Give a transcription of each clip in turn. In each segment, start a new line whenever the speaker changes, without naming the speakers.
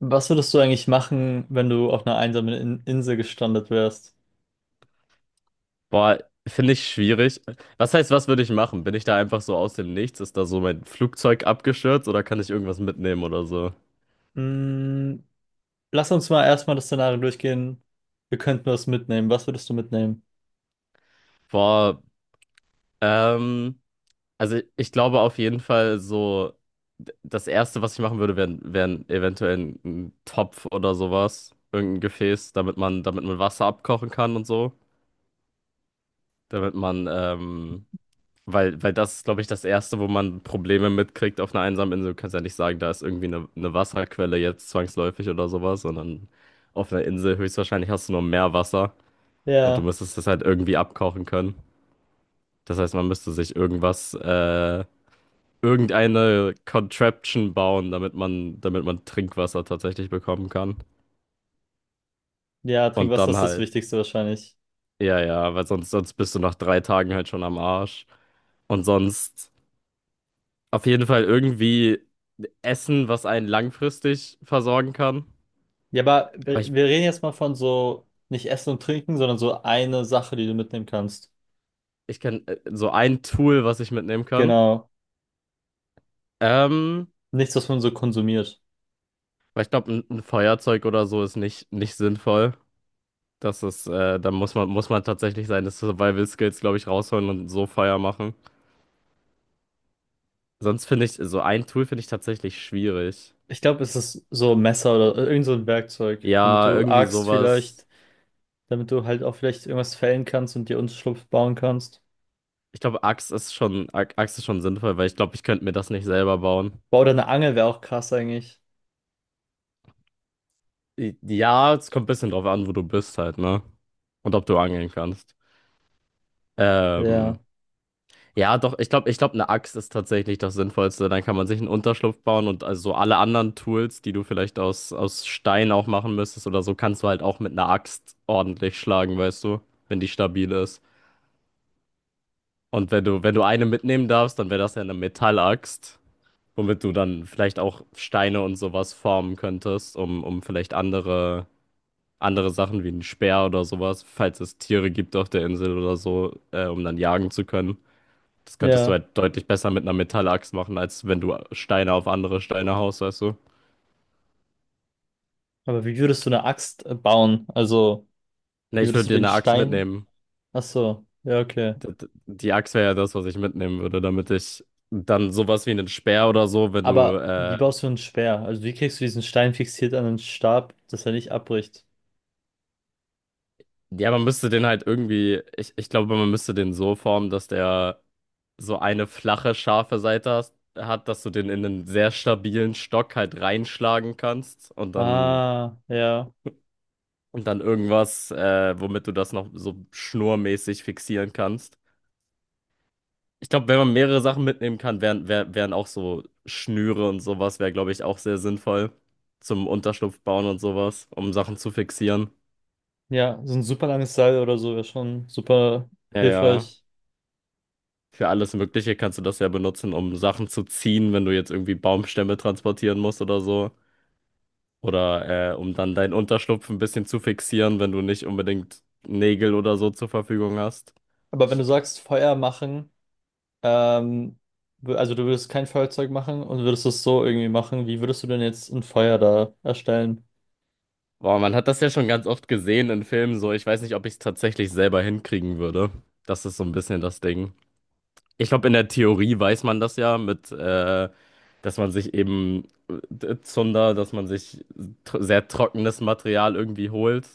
Was würdest du eigentlich machen, wenn du auf einer einsamen In Insel gestrandet wärst?
Boah, finde ich schwierig. Was heißt, was würde ich machen? Bin ich da einfach so aus dem Nichts? Ist da so mein Flugzeug abgestürzt oder kann ich irgendwas mitnehmen oder so?
Mm, lass uns mal erstmal das Szenario durchgehen. Wir könnten was mitnehmen. Was würdest du mitnehmen?
Boah, ähm, also ich glaube auf jeden Fall so, das Erste, was ich machen würde, wären eventuell ein Topf oder sowas, irgendein Gefäß, damit man Wasser abkochen kann und so, damit man weil das ist, glaube ich, das Erste, wo man Probleme mitkriegt auf einer einsamen Insel. Du kannst ja nicht sagen, da ist irgendwie eine Wasserquelle jetzt zwangsläufig oder sowas, sondern auf einer Insel höchstwahrscheinlich hast du nur Meerwasser und du
Ja,
müsstest das halt irgendwie abkochen können. Das heißt, man müsste sich irgendwas, irgendeine Contraption bauen, damit man Trinkwasser tatsächlich bekommen kann.
ja,
Und
Trinkwasser
dann
ist das
halt,
Wichtigste wahrscheinlich.
ja, ja, weil sonst bist du nach drei Tagen halt schon am Arsch. Und sonst auf jeden Fall irgendwie Essen, was einen langfristig versorgen kann.
Ja, aber
Aber
wir
ich,
wir reden jetzt mal von so nicht Essen und Trinken, sondern so eine Sache, die du mitnehmen kannst.
ich kann so ein Tool, was ich mitnehmen kann.
Genau.
Ähm,
Nichts, was man so konsumiert.
Weil ich glaube, ein Feuerzeug oder so ist nicht, nicht sinnvoll. Das ist, da muss man tatsächlich seine Survival Skills, glaube ich, rausholen und so Feuer machen. Sonst finde ich, so ein Tool finde ich tatsächlich schwierig.
Ich glaube, es ist so ein Messer oder irgend so ein Werkzeug, womit
Ja,
du
irgendwie
axt vielleicht,
sowas.
damit du halt auch vielleicht irgendwas fällen kannst und dir Unterschlupf bauen kannst.
Ich glaube, Axt ist schon, Axt ist schon sinnvoll, weil ich glaube, ich könnte mir das nicht selber bauen.
Wow, oder eine Angel wäre auch krass eigentlich.
Ja, es kommt ein bisschen drauf an, wo du bist halt, ne? Und ob du angeln kannst.
Ja,
Ähm, ja, doch, ich glaube, eine Axt ist tatsächlich das Sinnvollste. Dann kann man sich einen Unterschlupf bauen und also so alle anderen Tools, die du vielleicht aus Stein auch machen müsstest oder so, kannst du halt auch mit einer Axt ordentlich schlagen, weißt du, wenn die stabil ist. Und wenn du, wenn du eine mitnehmen darfst, dann wäre das ja eine Metallaxt, womit du dann vielleicht auch Steine und sowas formen könntest, um vielleicht andere andere Sachen wie einen Speer oder sowas, falls es Tiere gibt auf der Insel oder so, um dann jagen zu können. Das könntest du
ja.
halt deutlich besser mit einer Metallaxt machen, als wenn du Steine auf andere Steine haust, weißt du?
Aber wie würdest du eine Axt bauen? Also,
Ne,
wie
ich würde
würdest du
dir
den
eine Axt
Stein?
mitnehmen.
Ach so, ja, okay.
Die Axt wäre ja das, was ich mitnehmen würde, damit ich dann sowas wie einen Speer oder so, wenn du
Aber wie baust du ein Speer? Also, wie kriegst du diesen Stein fixiert an den Stab, dass er nicht abbricht?
ja, man müsste den halt irgendwie, ich glaube, man müsste den so formen, dass der so eine flache, scharfe Seite hat, dass du den in einen sehr stabilen Stock halt reinschlagen kannst
Ah, ja.
und dann irgendwas, womit du das noch so schnurmäßig fixieren kannst. Ich glaube, wenn man mehrere Sachen mitnehmen kann, wären auch so Schnüre und sowas, wäre, glaube ich, auch sehr sinnvoll zum Unterschlupf bauen und sowas, um Sachen zu fixieren.
Ja, so ein super langes Seil oder so wäre schon super
Ja, ja.
hilfreich.
Für alles Mögliche kannst du das ja benutzen, um Sachen zu ziehen, wenn du jetzt irgendwie Baumstämme transportieren musst oder so. Oder um dann deinen Unterschlupf ein bisschen zu fixieren, wenn du nicht unbedingt Nägel oder so zur Verfügung hast.
Aber wenn du sagst, Feuer machen, ähm, also du würdest kein Feuerzeug machen und würdest es so irgendwie machen, wie würdest du denn jetzt ein Feuer da erstellen?
Boah, man hat das ja schon ganz oft gesehen in Filmen so. Ich weiß nicht, ob ich es tatsächlich selber hinkriegen würde. Das ist so ein bisschen das Ding. Ich glaube, in der Theorie weiß man das ja mit, dass man sich eben Zunder, dass man sich sehr trockenes Material irgendwie holt.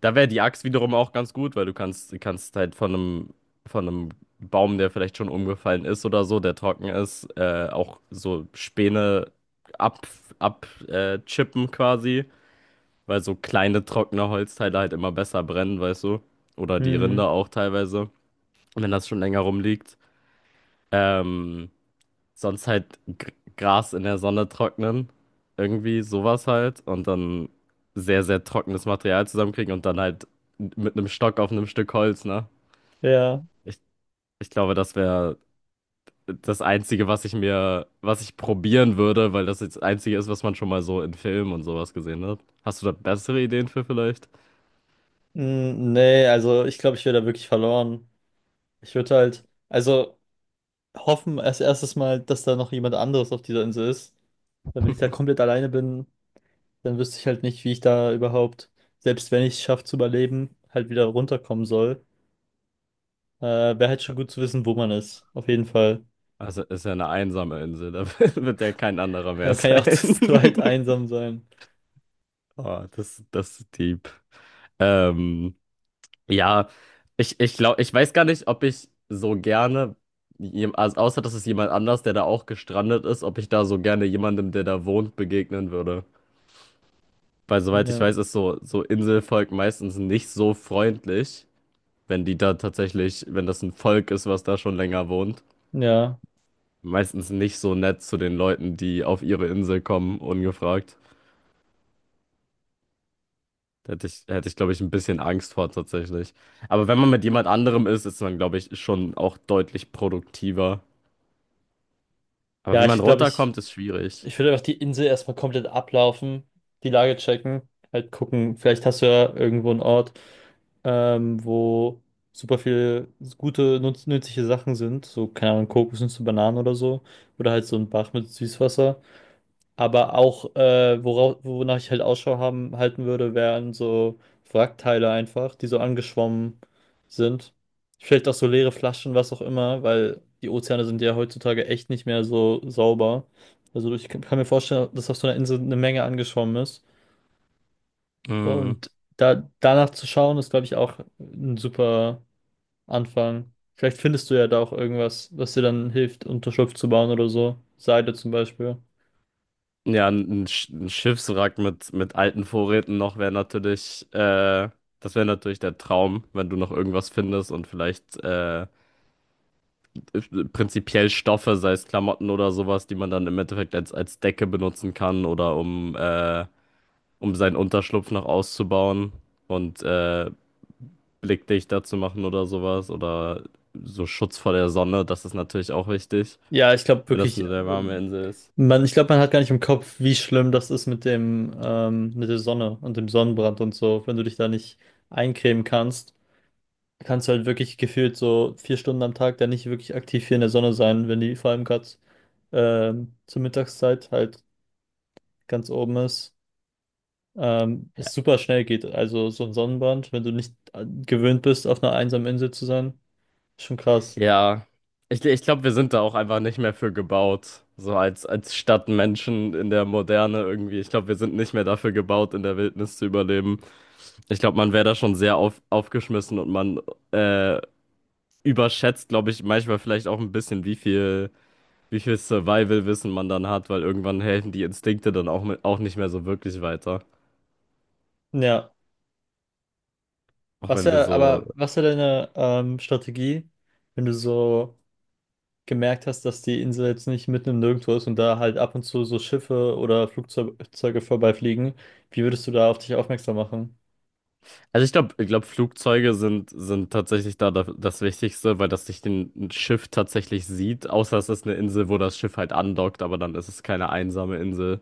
Da wäre die Axt wiederum auch ganz gut, weil du kannst halt von einem Baum, der vielleicht schon umgefallen ist oder so, der trocken ist, auch so Späne ab, ab, chippen quasi, weil so kleine trockene Holzteile halt immer besser brennen, weißt du? Oder die
Hm,
Rinde auch teilweise, wenn das schon länger rumliegt. Ähm, Sonst halt Gras in der Sonne trocknen. Irgendwie sowas halt. Und dann sehr, sehr trockenes Material zusammenkriegen und dann halt mit einem Stock auf einem Stück Holz, ne?
ja.
Ich, ich glaube, das wäre das Einzige, was ich mir, was ich probieren würde, weil das jetzt das Einzige ist, was man schon mal so in Filmen und sowas gesehen hat. Hast du da bessere Ideen für vielleicht?
Mm, nee, also ich glaube, ich wäre da wirklich verloren. Ich würde halt, also hoffen als erstes mal, dass da noch jemand anderes auf dieser Insel ist. Weil wenn ich da komplett alleine bin, dann wüsste ich halt nicht, wie ich da überhaupt, selbst wenn ich es schaffe zu überleben, halt wieder runterkommen soll. Wäre halt schon gut zu wissen, wo man ist. Auf jeden Fall.
Also ist ja eine einsame Insel, da wird ja kein anderer mehr
Kann ja auch
sein.
zu zweit einsam sein.
Oh, das, das ist deep. Ähm. Ja, ich glaube, ich weiß gar nicht, ob ich so gerne, also außer dass es jemand anders, der da auch gestrandet ist, ob ich da so gerne jemandem, der da wohnt, begegnen würde. Weil soweit ich
Ja.
weiß, ist so, so Inselvolk meistens nicht so freundlich, wenn die da tatsächlich, wenn das ein Volk ist, was da schon länger wohnt.
Ja.
Meistens nicht so nett zu den Leuten, die auf ihre Insel kommen, ungefragt. Da hätte ich, glaube ich, ein bisschen Angst vor tatsächlich. Aber wenn man mit jemand anderem ist, ist man, glaube ich, schon auch deutlich produktiver. Aber
Ja,
wie man
ich glaube, ich.
runterkommt, ist schwierig.
Ich würde einfach die Insel erstmal komplett ablaufen, die Lage checken, halt gucken, vielleicht hast du ja irgendwo einen Ort, wo super viele gute, nutz nützliche Sachen sind, so, keine Ahnung, Kokosnüsse, Bananen oder so, oder halt so ein Bach mit Süßwasser. Aber auch, wonach ich halt halten würde, wären so Wrackteile einfach, die so angeschwommen sind. Vielleicht auch so leere Flaschen, was auch immer, weil die Ozeane sind ja heutzutage echt nicht mehr so sauber. Also ich kann mir vorstellen, dass auf so einer Insel eine Menge angeschwommen ist.
Mhm.
Und danach zu schauen, ist, glaube ich, auch ein super Anfang. Vielleicht findest du ja da auch irgendwas, was dir dann hilft, Unterschlupf zu bauen oder so. Seide zum Beispiel.
Ja, ein Schiffswrack mit alten Vorräten noch wäre natürlich, das wäre natürlich der Traum, wenn du noch irgendwas findest und vielleicht prinzipiell Stoffe, sei es Klamotten oder sowas, die man dann im Endeffekt als Decke benutzen kann oder um, um seinen Unterschlupf noch auszubauen und blickdichter zu machen oder sowas oder so Schutz vor der Sonne, das ist natürlich auch wichtig,
Ja, ich glaube
wenn das
wirklich.
eine sehr warme Insel ist.
Man, ich glaube, man hat gar nicht im Kopf, wie schlimm das ist mit dem, mit der Sonne und dem Sonnenbrand und so. Wenn du dich da nicht eincremen kannst, kannst du halt wirklich gefühlt so vier Stunden am Tag da nicht wirklich aktiv hier in der Sonne sein, wenn die vor allem gerade zur Mittagszeit halt ganz oben ist. Es super schnell geht. Also so ein Sonnenbrand, wenn du nicht gewöhnt bist, auf einer einsamen Insel zu sein, ist schon krass.
Ja, ich glaube, wir sind da auch einfach nicht mehr für gebaut. So als Stadtmenschen in der Moderne irgendwie. Ich glaube, wir sind nicht mehr dafür gebaut, in der Wildnis zu überleben. Ich glaube, man wäre da schon sehr aufgeschmissen und man äh, überschätzt, glaube ich, manchmal vielleicht auch ein bisschen, wie viel Survival-Wissen man dann hat, weil irgendwann helfen die Instinkte dann auch, mit, auch nicht mehr so wirklich weiter.
Ja.
Auch wenn wir so
Aber was wäre deine Strategie, wenn du so gemerkt hast, dass die Insel jetzt nicht mitten im Nirgendwo ist und da halt ab und zu so Schiffe oder Flugzeuge vorbeifliegen, wie würdest du da auf dich aufmerksam machen?
also ich glaube, Flugzeuge sind, sind tatsächlich da das Wichtigste, weil das nicht ein Schiff tatsächlich sieht, außer es ist eine Insel, wo das Schiff halt andockt, aber dann ist es keine einsame Insel.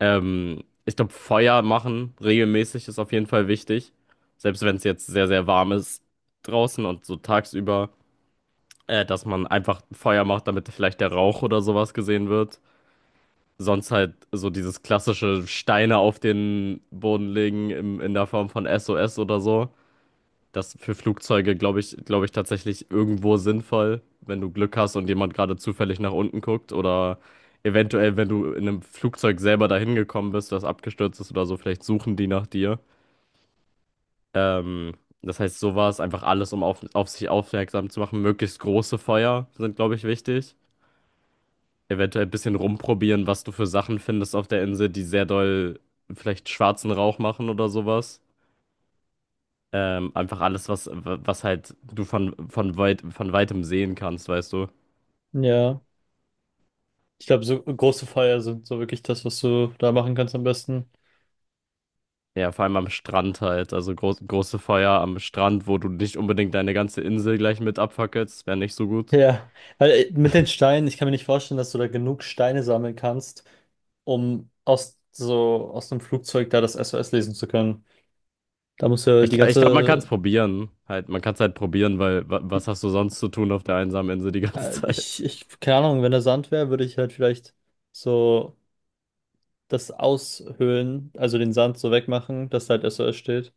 Ich glaube, Feuer machen regelmäßig ist auf jeden Fall wichtig, selbst wenn es jetzt sehr, sehr warm ist draußen und so tagsüber, dass man einfach Feuer macht, damit vielleicht der Rauch oder sowas gesehen wird. Sonst halt so dieses klassische Steine auf den Boden legen in der Form von SOS oder so. Das für Flugzeuge, glaube ich tatsächlich irgendwo sinnvoll, wenn du Glück hast und jemand gerade zufällig nach unten guckt oder eventuell, wenn du in einem Flugzeug selber dahin gekommen bist, das abgestürzt ist oder so, vielleicht suchen die nach dir. Ähm, das heißt, sowas, einfach alles, um auf sich aufmerksam zu machen. Möglichst große Feuer sind, glaube ich, wichtig. Eventuell ein bisschen rumprobieren, was du für Sachen findest auf der Insel, die sehr doll vielleicht schwarzen Rauch machen oder sowas. Einfach alles, was, was halt du von weit, von weitem sehen kannst, weißt du?
Ja, ich glaube, so große Feuer sind so wirklich das, was du da machen kannst am besten.
Ja, vor allem am Strand halt. Also groß, große Feuer am Strand, wo du nicht unbedingt deine ganze Insel gleich mit abfackelst. Wäre nicht so gut.
Ja, weil mit den Steinen, ich kann mir nicht vorstellen, dass du da genug Steine sammeln kannst, um aus so aus dem Flugzeug da das SOS lesen zu können. Da musst du ja die
Ich glaube, man kann es
ganze,
probieren. Halt, man kann es halt probieren, weil was hast du sonst zu tun auf der einsamen Insel die ganze Zeit?
keine Ahnung, wenn da Sand wäre, würde ich halt vielleicht so das aushöhlen, also den Sand so wegmachen, dass da halt SOS steht.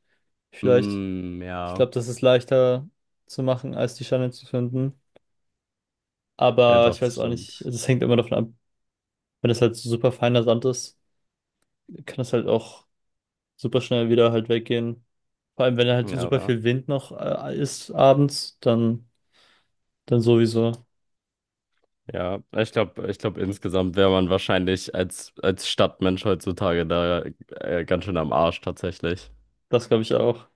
Vielleicht.
Hm,
Ich
ja.
glaube, das ist leichter zu machen, als die Scheine zu finden.
Ja,
Aber
doch,
ich weiß
das
auch nicht,
stimmt.
das hängt immer davon ab. Wenn das halt so super feiner Sand ist, kann das halt auch super schnell wieder halt weggehen. Vor allem, wenn halt
Ja,
super
aber.
viel Wind noch ist abends, dann sowieso.
Ja, ich glaube, insgesamt wäre man wahrscheinlich als Stadtmensch heutzutage da ganz schön am Arsch tatsächlich.
Das glaube ich auch.